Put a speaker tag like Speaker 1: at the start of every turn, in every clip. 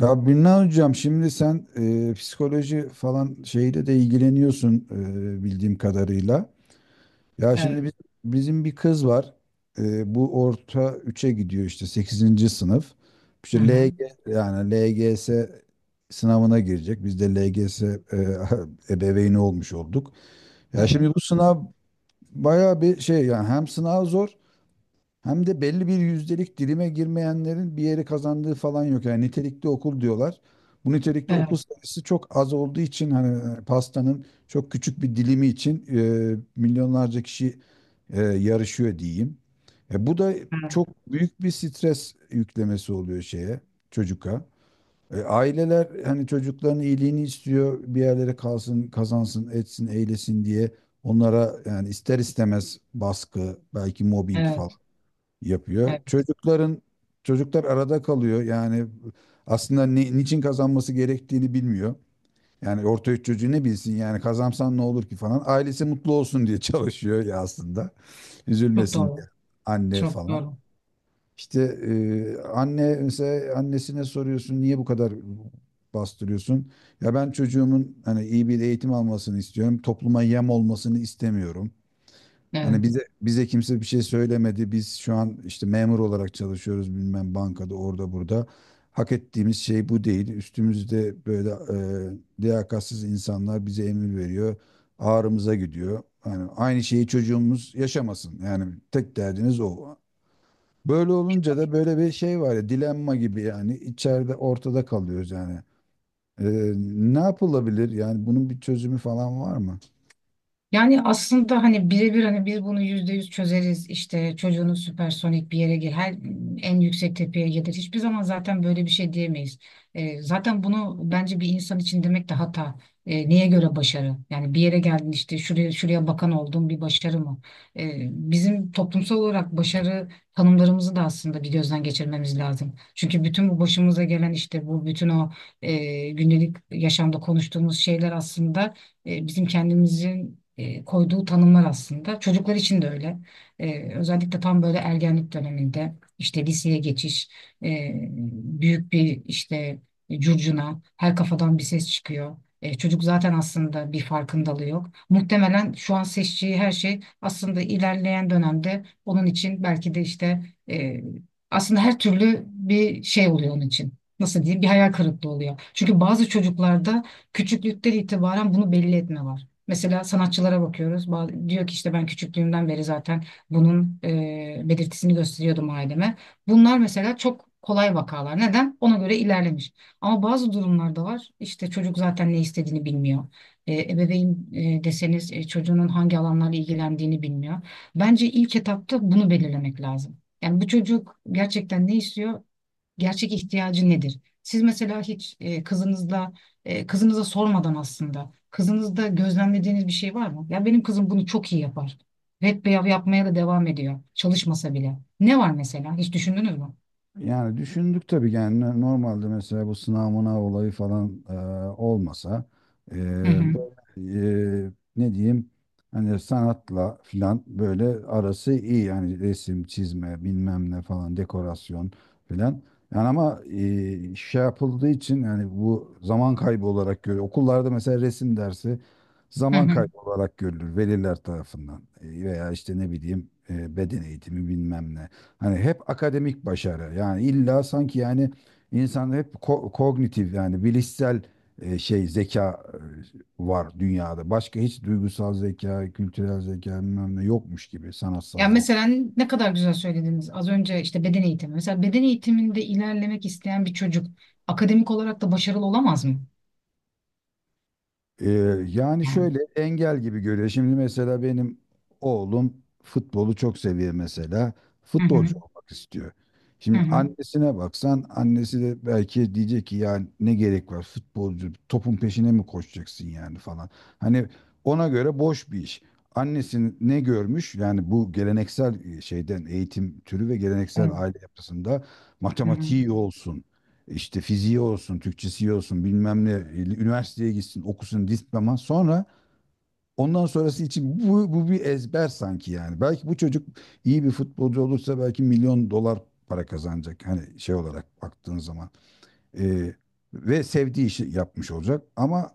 Speaker 1: Ya Birna hocam şimdi sen psikoloji falan şeyle de ilgileniyorsun bildiğim kadarıyla. Ya şimdi
Speaker 2: Evet.
Speaker 1: bizim bir kız var. Bu orta üçe gidiyor işte sekizinci sınıf.
Speaker 2: Hı
Speaker 1: İşte
Speaker 2: hı.
Speaker 1: LG yani LGS sınavına girecek. Biz de LGS e, ebeveyni olmuş olduk. Ya
Speaker 2: Evet.
Speaker 1: şimdi bu sınav bayağı bir şey yani hem sınav zor hem de belli bir yüzdelik dilime girmeyenlerin bir yeri kazandığı falan yok. Yani nitelikli okul diyorlar. Bu nitelikli okul
Speaker 2: Evet.
Speaker 1: sayısı çok az olduğu için hani pastanın çok küçük bir dilimi için milyonlarca kişi yarışıyor diyeyim. Bu da
Speaker 2: Evet.
Speaker 1: çok büyük bir stres yüklemesi oluyor çocuğa. Aileler hani çocukların iyiliğini istiyor, bir yerlere kalsın, kazansın, etsin, eylesin diye onlara yani ister istemez baskı, belki mobbing falan
Speaker 2: Evet.
Speaker 1: yapıyor.
Speaker 2: Evet.
Speaker 1: Çocuklar arada kalıyor. Yani aslında ne, niçin kazanması gerektiğini bilmiyor. Yani orta üç çocuğu ne bilsin yani kazansan ne olur ki falan. Ailesi mutlu olsun diye çalışıyor ya aslında.
Speaker 2: Çok
Speaker 1: Üzülmesin diye
Speaker 2: doğru.
Speaker 1: anne
Speaker 2: Çok
Speaker 1: falan.
Speaker 2: doğru.
Speaker 1: İşte e, anne mesela annesine soruyorsun niye bu kadar bastırıyorsun? Ya ben çocuğumun hani iyi bir eğitim almasını istiyorum. Topluma yem olmasını istemiyorum. Hani
Speaker 2: Evet.
Speaker 1: bize kimse bir şey söylemedi. Biz şu an işte memur olarak çalışıyoruz bilmem bankada orada burada. Hak ettiğimiz şey bu değil. Üstümüzde böyle liyakatsiz insanlar bize emir veriyor. Ağrımıza gidiyor. Yani aynı şeyi çocuğumuz yaşamasın. Yani tek derdiniz o. Böyle olunca da böyle bir şey var ya dilenma gibi yani içeride ortada kalıyoruz yani. E, ne yapılabilir? Yani bunun bir çözümü falan var mı?
Speaker 2: Yani aslında hani birebir hani biz bunu yüzde yüz çözeriz işte çocuğunuz süpersonik bir yere gir her en yüksek tepeye gelir hiçbir zaman zaten böyle bir şey diyemeyiz. Zaten bunu bence bir insan için demek de hata. Neye göre başarı? Yani bir yere geldin işte şuraya şuraya bakan oldun bir başarı mı? Bizim toplumsal olarak başarı tanımlarımızı da aslında bir gözden geçirmemiz lazım. Çünkü bütün bu başımıza gelen işte bu bütün o gündelik yaşamda konuştuğumuz şeyler aslında bizim kendimizin koyduğu tanımlar aslında. Çocuklar için de öyle. Özellikle tam böyle ergenlik döneminde işte liseye geçiş, e, büyük bir işte curcuna, her kafadan bir ses çıkıyor. Çocuk zaten aslında bir farkındalığı yok. Muhtemelen şu an seçtiği her şey aslında ilerleyen dönemde onun için belki de işte e, aslında her türlü bir şey oluyor onun için. Nasıl diyeyim? Bir hayal kırıklığı oluyor. Çünkü bazı çocuklarda küçüklükten itibaren bunu belli etme var. Mesela sanatçılara bakıyoruz. Diyor ki işte ben küçüklüğümden beri zaten bunun belirtisini gösteriyordum aileme. Bunlar mesela çok kolay vakalar. Neden? Ona göre ilerlemiş. Ama bazı durumlarda var. İşte çocuk zaten ne istediğini bilmiyor. Ebeveyn deseniz çocuğunun hangi alanlarla ilgilendiğini bilmiyor. Bence ilk etapta bunu belirlemek lazım. Yani bu çocuk gerçekten ne istiyor? Gerçek ihtiyacı nedir? Siz mesela hiç kızınıza sormadan aslında kızınızda gözlemlediğiniz bir şey var mı? Ya benim kızım bunu çok iyi yapar. Hep beyav yapmaya da devam ediyor. Çalışmasa bile. Ne var mesela? Hiç düşündünüz mü?
Speaker 1: Yani düşündük tabii yani normalde mesela bu sınav mınav olayı falan olmasa e,
Speaker 2: Hı hı.
Speaker 1: böyle, ne diyeyim hani sanatla filan böyle arası iyi yani resim çizme bilmem ne falan dekorasyon filan yani ama şey yapıldığı için yani bu zaman kaybı olarak görüyor. Okullarda mesela resim dersi
Speaker 2: Hı
Speaker 1: zaman
Speaker 2: hı.
Speaker 1: kaybı olarak görülür veliler tarafından. Veya işte ne bileyim beden eğitimi bilmem ne. Hani hep akademik başarı. Yani illa sanki yani insan hep kognitif yani bilişsel şey zeka var dünyada. Başka hiç duygusal zeka, kültürel zeka bilmem ne yokmuş gibi sanatsal
Speaker 2: Ya
Speaker 1: zeka.
Speaker 2: mesela ne kadar güzel söylediniz. Az önce işte beden eğitimi. Mesela beden eğitiminde ilerlemek isteyen bir çocuk akademik olarak da başarılı olamaz mı?
Speaker 1: Ee, yani
Speaker 2: Yani.
Speaker 1: şöyle engel gibi görüyor. Şimdi mesela benim oğlum futbolu çok seviyor mesela.
Speaker 2: Hı hı.
Speaker 1: Futbolcu olmak istiyor.
Speaker 2: Hı
Speaker 1: Şimdi
Speaker 2: hı.
Speaker 1: annesine baksan annesi de belki diyecek ki yani ne gerek var futbolcu topun peşine mi koşacaksın yani falan. Hani ona göre boş bir iş. Annesini ne görmüş yani bu geleneksel şeyden eğitim türü ve geleneksel
Speaker 2: Evet.
Speaker 1: aile yapısında
Speaker 2: Hı hı.
Speaker 1: matematiği iyi olsun işte fiziği olsun, Türkçesi olsun, bilmem ne, üniversiteye gitsin, okusun diploma. Sonra ondan sonrası için bu, bu bir ezber sanki yani. Belki bu çocuk iyi bir futbolcu olursa belki milyon dolar para kazanacak. Hani şey olarak baktığın zaman. Ee, ve sevdiği işi yapmış olacak. Ama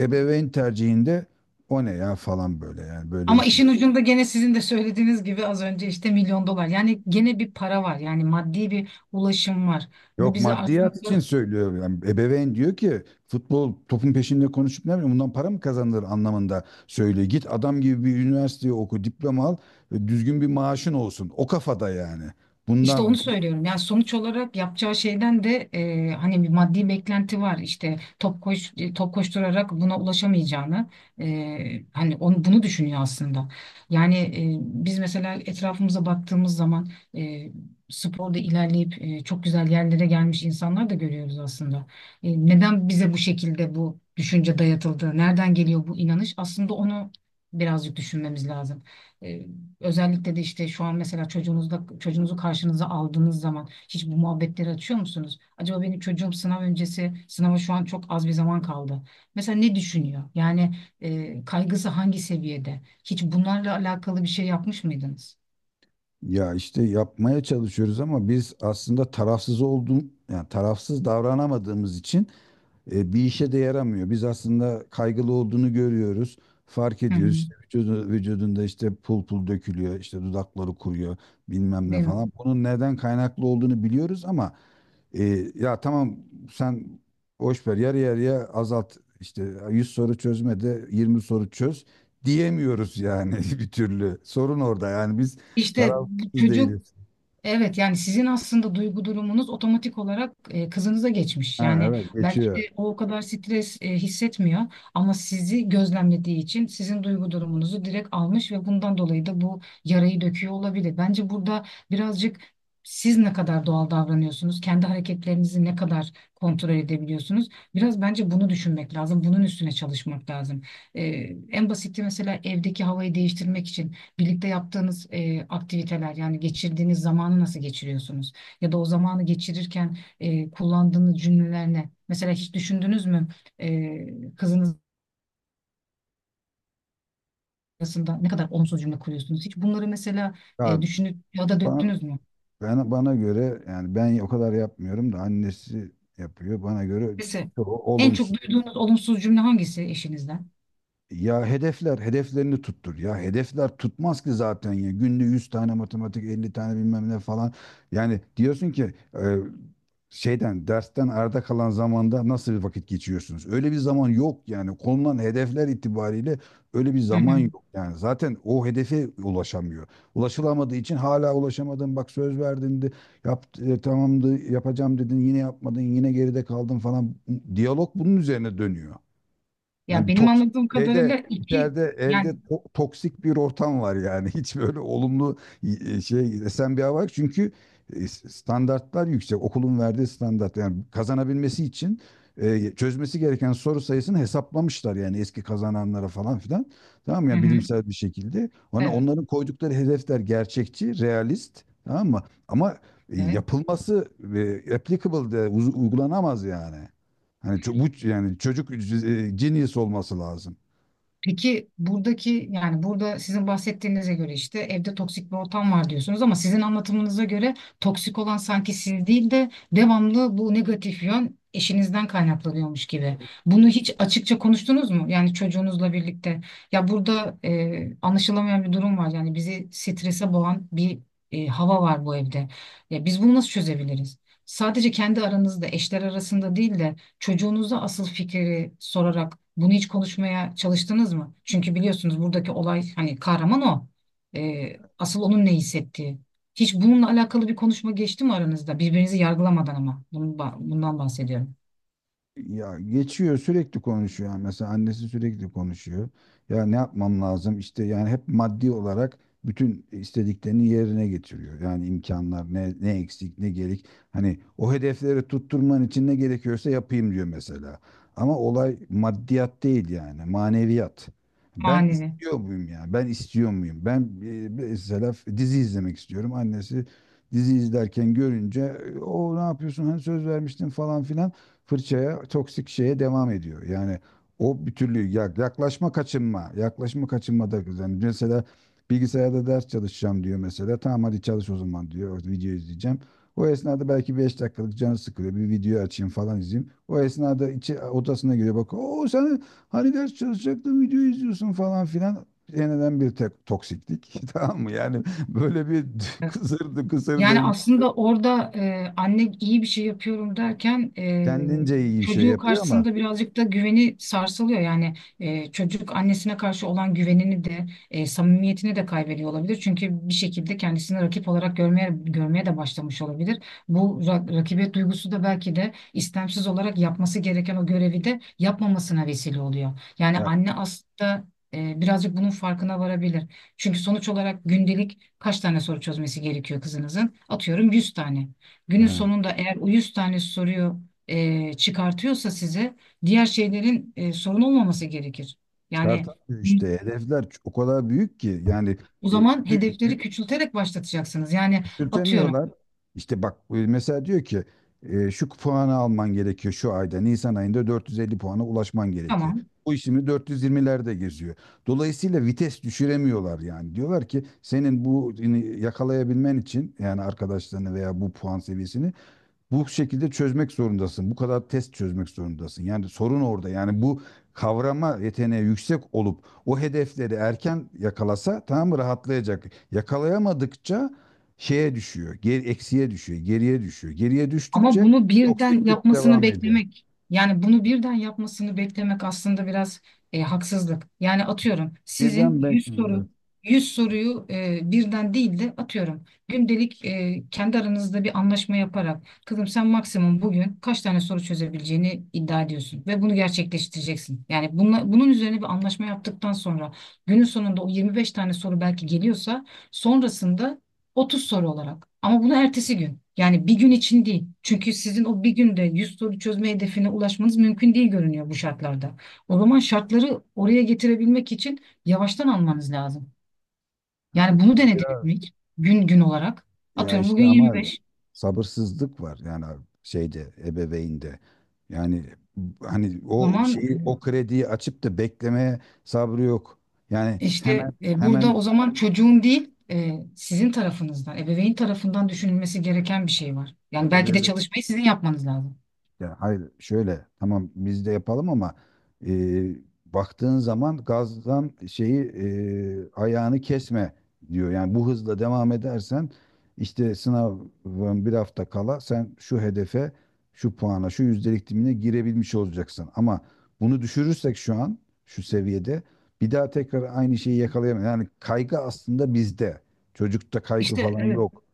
Speaker 1: ebeveyn tercihinde o ne ya falan böyle yani böyle
Speaker 2: Ama
Speaker 1: iş mi?
Speaker 2: işin ucunda gene sizin de söylediğiniz gibi az önce işte milyon dolar. Yani gene bir para var. Yani maddi bir ulaşım var. Bu
Speaker 1: Yok
Speaker 2: bize
Speaker 1: maddiyat için
Speaker 2: aslında.
Speaker 1: söylüyor. Yani ebeveyn diyor ki futbol topun peşinde konuşup ne bileyim bundan para mı kazanılır anlamında söylüyor. Git adam gibi bir üniversiteye oku, diploma al, düzgün bir maaşın olsun. O kafada yani.
Speaker 2: İşte onu
Speaker 1: Bundan
Speaker 2: söylüyorum. Yani sonuç olarak yapacağı şeyden de hani bir maddi beklenti var. İşte top koşturarak buna ulaşamayacağını hani onu bunu düşünüyor aslında. Yani biz mesela etrafımıza baktığımız zaman e, sporda ilerleyip çok güzel yerlere gelmiş insanlar da görüyoruz aslında. Neden bize bu şekilde bu düşünce dayatıldı? Nereden geliyor bu inanış? Aslında onu birazcık düşünmemiz lazım. E, Özellikle de işte şu an mesela çocuğunuzu karşınıza aldığınız zaman hiç bu muhabbetleri açıyor musunuz? Acaba benim çocuğum sınava şu an çok az bir zaman kaldı. Mesela ne düşünüyor? Yani kaygısı hangi seviyede? Hiç bunlarla alakalı bir şey yapmış mıydınız?
Speaker 1: ya işte yapmaya çalışıyoruz ama biz aslında tarafsız olduğum yani tarafsız davranamadığımız için bir işe de yaramıyor. Biz aslında kaygılı olduğunu görüyoruz. Fark
Speaker 2: Hı hı,
Speaker 1: ediyoruz. İşte vücudunda işte pul pul dökülüyor, işte dudakları kuruyor, bilmem ne
Speaker 2: değil mi?
Speaker 1: falan. Bunun neden kaynaklı olduğunu biliyoruz ama e, ya tamam sen boş ver yarı yarıya azalt işte 100 soru çözme de 20 soru çöz diyemiyoruz yani bir türlü. Sorun orada yani biz
Speaker 2: İşte bu
Speaker 1: tarafsız
Speaker 2: çocuğu.
Speaker 1: değiliz.
Speaker 2: Evet, yani sizin aslında duygu durumunuz otomatik olarak kızınıza geçmiş.
Speaker 1: Ha,
Speaker 2: Yani
Speaker 1: evet
Speaker 2: belki
Speaker 1: geçiyor.
Speaker 2: de o o kadar stres hissetmiyor ama sizi gözlemlediği için sizin duygu durumunuzu direkt almış ve bundan dolayı da bu yarayı döküyor olabilir. Bence burada birazcık siz ne kadar doğal davranıyorsunuz, kendi hareketlerinizi ne kadar kontrol edebiliyorsunuz. Biraz bence bunu düşünmek lazım, bunun üstüne çalışmak lazım. E, En basiti mesela evdeki havayı değiştirmek için. Birlikte yaptığınız aktiviteler yani geçirdiğiniz zamanı nasıl geçiriyorsunuz? Ya da o zamanı geçirirken kullandığınız cümleler ne? Mesela hiç düşündünüz mü kızınız arasında ne kadar olumsuz cümle kuruyorsunuz? Hiç bunları mesela
Speaker 1: Ya,
Speaker 2: düşünüp ya da döktünüz mü?
Speaker 1: bana göre yani ben o kadar yapmıyorum da annesi yapıyor. Bana göre
Speaker 2: Mesela
Speaker 1: çok
Speaker 2: en çok
Speaker 1: olumsuz.
Speaker 2: duyduğunuz olumsuz cümle hangisi eşinizden?
Speaker 1: Ya hedefler, hedeflerini tuttur. Ya hedefler tutmaz ki zaten ya. Günde 100 tane matematik, 50 tane bilmem ne falan. Yani diyorsun ki dersten arda kalan zamanda nasıl bir vakit geçiriyorsunuz? Öyle bir zaman yok yani. Konulan hedefler itibariyle öyle bir
Speaker 2: Hı hı.
Speaker 1: zaman yok. Yani zaten o hedefe ulaşamıyor. Ulaşılamadığı için hala ulaşamadın. Bak söz verdin de tamamdı yapacağım dedin. Yine yapmadın, yine geride kaldın falan. Diyalog bunun üzerine dönüyor.
Speaker 2: Ya
Speaker 1: Hani
Speaker 2: benim
Speaker 1: toks
Speaker 2: anladığım
Speaker 1: şeyde
Speaker 2: kadarıyla iki
Speaker 1: içeride evde
Speaker 2: yani.
Speaker 1: toksik bir ortam var yani. Hiç böyle olumlu şey esen bir hava yok. Çünkü standartlar yüksek. Okulun verdiği standart yani kazanabilmesi için çözmesi gereken soru sayısını hesaplamışlar yani eski kazananlara falan filan. Tamam mı?
Speaker 2: Hı
Speaker 1: Yani
Speaker 2: hı.
Speaker 1: bilimsel bir şekilde. Ona
Speaker 2: Evet.
Speaker 1: onların koydukları hedefler gerçekçi, realist. Tamam mı? Ama
Speaker 2: Evet.
Speaker 1: yapılması applicable de uygulanamaz yani. Hani bu yani çocuk genius olması lazım.
Speaker 2: Peki buradaki yani burada sizin bahsettiğinize göre işte evde toksik bir ortam var diyorsunuz ama sizin anlatımınıza göre toksik olan sanki siz değil de devamlı bu negatif yön eşinizden kaynaklanıyormuş gibi. Bunu
Speaker 1: Evet.
Speaker 2: hiç açıkça konuştunuz mu? Yani çocuğunuzla birlikte. Ya burada anlaşılamayan bir durum var. Yani bizi strese boğan bir hava var bu evde. Ya biz bunu nasıl çözebiliriz? Sadece kendi aranızda, eşler arasında değil de çocuğunuza asıl fikri sorarak bunu hiç konuşmaya çalıştınız mı? Çünkü biliyorsunuz buradaki olay hani kahraman o. Asıl onun ne hissettiği. Hiç bununla alakalı bir konuşma geçti mi aranızda? Birbirinizi yargılamadan ama. Bundan bahsediyorum.
Speaker 1: Ya geçiyor sürekli konuşuyor. Yani mesela annesi sürekli konuşuyor. Ya ne yapmam lazım? İşte yani hep maddi olarak bütün istediklerini yerine getiriyor. Yani imkanlar ne, ne eksik ne gerek. Hani o hedefleri tutturman için ne gerekiyorsa yapayım diyor mesela. Ama olay maddiyat değil yani maneviyat. Ben
Speaker 2: Manevi.
Speaker 1: istiyor muyum ya? Ben istiyor muyum? Ben mesela dizi izlemek istiyorum. Annesi dizi izlerken görünce, "O ne yapıyorsun? Hani söz vermiştin," falan filan fırçaya, toksik şeye devam ediyor. Yani o bir türlü yaklaşma kaçınma, yaklaşma kaçınma da yani mesela bilgisayarda ders çalışacağım diyor mesela. Tamam hadi çalış o zaman diyor. Video izleyeceğim. O esnada belki 5 dakikalık canı sıkılıyor. Bir video açayım falan izleyeyim. O esnada içi odasına giriyor bak. O sen hani ders çalışacaktın video izliyorsun falan filan. Yeniden bir tek toksiklik. Tamam mı? Yani böyle bir kısır
Speaker 2: Yani
Speaker 1: döngü.
Speaker 2: aslında orada anne iyi bir şey yapıyorum derken
Speaker 1: Kendince iyi şey
Speaker 2: çocuğu
Speaker 1: yapıyor ama
Speaker 2: karşısında birazcık da güveni sarsılıyor. Yani çocuk annesine karşı olan güvenini de samimiyetini de kaybediyor olabilir. Çünkü bir şekilde kendisini rakip olarak görmeye görmeye de başlamış olabilir. Bu rakibet duygusu da belki de istemsiz olarak yapması gereken o görevi de yapmamasına vesile oluyor. Yani
Speaker 1: ya
Speaker 2: anne aslında birazcık bunun farkına varabilir. Çünkü sonuç olarak gündelik. Kaç tane soru çözmesi gerekiyor kızınızın? Atıyorum 100 tane. Günün
Speaker 1: he.
Speaker 2: sonunda eğer o 100 tane soruyu çıkartıyorsa size diğer şeylerin sorun olmaması gerekir. Yani
Speaker 1: Çıkartamıyor işte. Hedefler o kadar büyük ki yani
Speaker 2: o
Speaker 1: e,
Speaker 2: zaman hedefleri küçülterek başlatacaksınız. Yani atıyorum
Speaker 1: küçültemiyorlar. İşte bak mesela diyor ki şu puanı alman gerekiyor şu ayda. Nisan ayında 450 puana ulaşman gerekiyor.
Speaker 2: tamam.
Speaker 1: Bu işini 420'lerde geziyor. Dolayısıyla vites düşüremiyorlar yani. Diyorlar ki senin bu ini yakalayabilmen için yani arkadaşlarını veya bu puan seviyesini bu şekilde çözmek zorundasın. Bu kadar test çözmek zorundasın. Yani sorun orada. Yani bu kavrama yeteneği yüksek olup o hedefleri erken yakalasa tamam mı rahatlayacak. Yakalayamadıkça şeye düşüyor. Eksiye düşüyor. Geriye düşüyor. Geriye
Speaker 2: Ama
Speaker 1: düştükçe
Speaker 2: bunu birden
Speaker 1: toksiklik
Speaker 2: yapmasını
Speaker 1: devam ediyor.
Speaker 2: beklemek, yani bunu birden yapmasını beklemek aslında biraz haksızlık. Yani atıyorum sizin
Speaker 1: Birden
Speaker 2: 100
Speaker 1: belki evet.
Speaker 2: soru 100 soruyu birden değil de atıyorum gündelik kendi aranızda bir anlaşma yaparak kızım sen maksimum bugün kaç tane soru çözebileceğini iddia ediyorsun ve bunu gerçekleştireceksin. Yani bunun üzerine bir anlaşma yaptıktan sonra günün sonunda o 25 tane soru belki geliyorsa sonrasında 30 soru olarak. Ama bunu ertesi gün. Yani bir gün için değil. Çünkü sizin o bir günde 100 soru çözme hedefine ulaşmanız mümkün değil görünüyor bu şartlarda. O zaman şartları oraya getirebilmek için yavaştan almanız lazım. Yani
Speaker 1: Evet.
Speaker 2: bunu
Speaker 1: Yani
Speaker 2: denediniz
Speaker 1: biraz.
Speaker 2: mi hiç? Gün gün olarak.
Speaker 1: Ya
Speaker 2: Atıyorum
Speaker 1: işte
Speaker 2: bugün
Speaker 1: ama
Speaker 2: 25.
Speaker 1: sabırsızlık var yani şeyde ebeveynde. Yani hani
Speaker 2: O
Speaker 1: o
Speaker 2: zaman
Speaker 1: şeyi o krediyi açıp da beklemeye sabrı yok. Yani hemen
Speaker 2: burada
Speaker 1: hemen.
Speaker 2: o zaman çocuğun değil sizin tarafınızdan, ebeveyn tarafından düşünülmesi gereken bir şey var. Yani belki de çalışmayı sizin yapmanız lazım.
Speaker 1: Ya hayır şöyle tamam biz de yapalım ama e, baktığın zaman gazdan şeyi ayağını kesme diyor. Yani bu hızla devam edersen işte sınavın bir hafta kala sen şu hedefe, şu puana, şu yüzdelik dilimine girebilmiş olacaksın. Ama bunu düşürürsek şu an şu seviyede bir daha tekrar aynı şeyi yakalayamayız. Yani kaygı aslında bizde. Çocukta kaygı
Speaker 2: İşte
Speaker 1: falan
Speaker 2: evet.
Speaker 1: yok.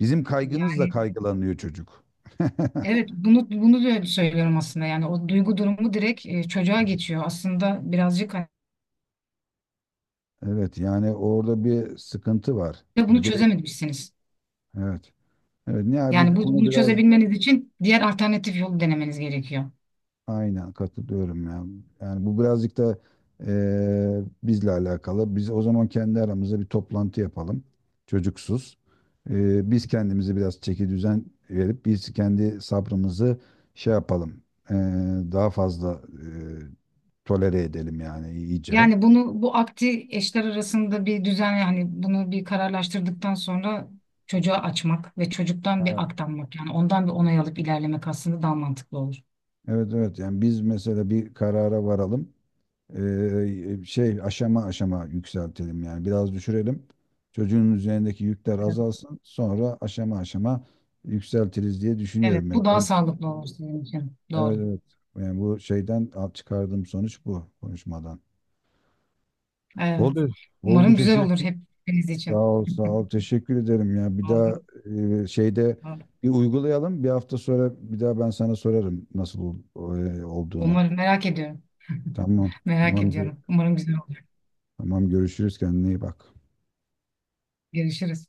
Speaker 1: Bizim kaygımızla
Speaker 2: Yani
Speaker 1: kaygılanıyor çocuk.
Speaker 2: evet, bunu da söylüyorum aslında. Yani o duygu durumu direkt çocuğa geçiyor. Aslında birazcık hani.
Speaker 1: Evet yani orada bir sıkıntı var.
Speaker 2: Ve bunu
Speaker 1: Direkt
Speaker 2: çözememişsiniz.
Speaker 1: evet. Evet yani
Speaker 2: Yani
Speaker 1: bu konu
Speaker 2: bunu
Speaker 1: biraz
Speaker 2: çözebilmeniz için diğer alternatif yolu denemeniz gerekiyor.
Speaker 1: aynen katılıyorum ya. Yani bu birazcık da bizle alakalı. Biz o zaman kendi aramızda bir toplantı yapalım. Çocuksuz. Biz kendimizi biraz çeki düzen verip biz kendi sabrımızı şey yapalım. Eee, daha fazla tolere edelim yani iyice.
Speaker 2: Yani bunu bu akti eşler arasında bir düzen yani bunu bir kararlaştırdıktan sonra çocuğa açmak ve çocuktan bir
Speaker 1: Evet
Speaker 2: aktanmak yani ondan bir onay alıp ilerlemek aslında daha mantıklı olur.
Speaker 1: evet evet. Yani biz mesela bir karara varalım. Şey aşama aşama yükseltelim yani biraz düşürelim. Çocuğun üzerindeki yükler
Speaker 2: Evet,
Speaker 1: azalsın. Sonra aşama aşama yükseltiriz diye
Speaker 2: evet,
Speaker 1: düşünüyorum ben.
Speaker 2: bu daha sağlıklı olur sizin için. Doğru.
Speaker 1: Evet evet. Yani bu şeyden çıkardığım sonuç bu konuşmadan.
Speaker 2: Evet.
Speaker 1: Oldu. Oldu
Speaker 2: Umarım güzel olur
Speaker 1: teşekkür.
Speaker 2: hepiniz
Speaker 1: Sağ
Speaker 2: için.
Speaker 1: ol sağ ol teşekkür ederim ya. Bir daha
Speaker 2: Oldu.
Speaker 1: şeyde bir uygulayalım. Bir hafta sonra bir daha ben sana sorarım nasıl olduğunu.
Speaker 2: Umarım merak ediyorum.
Speaker 1: Tamam.
Speaker 2: Merak
Speaker 1: Tamam.
Speaker 2: ediyorum. Umarım güzel olur.
Speaker 1: Tamam görüşürüz kendine iyi bak.
Speaker 2: Görüşürüz.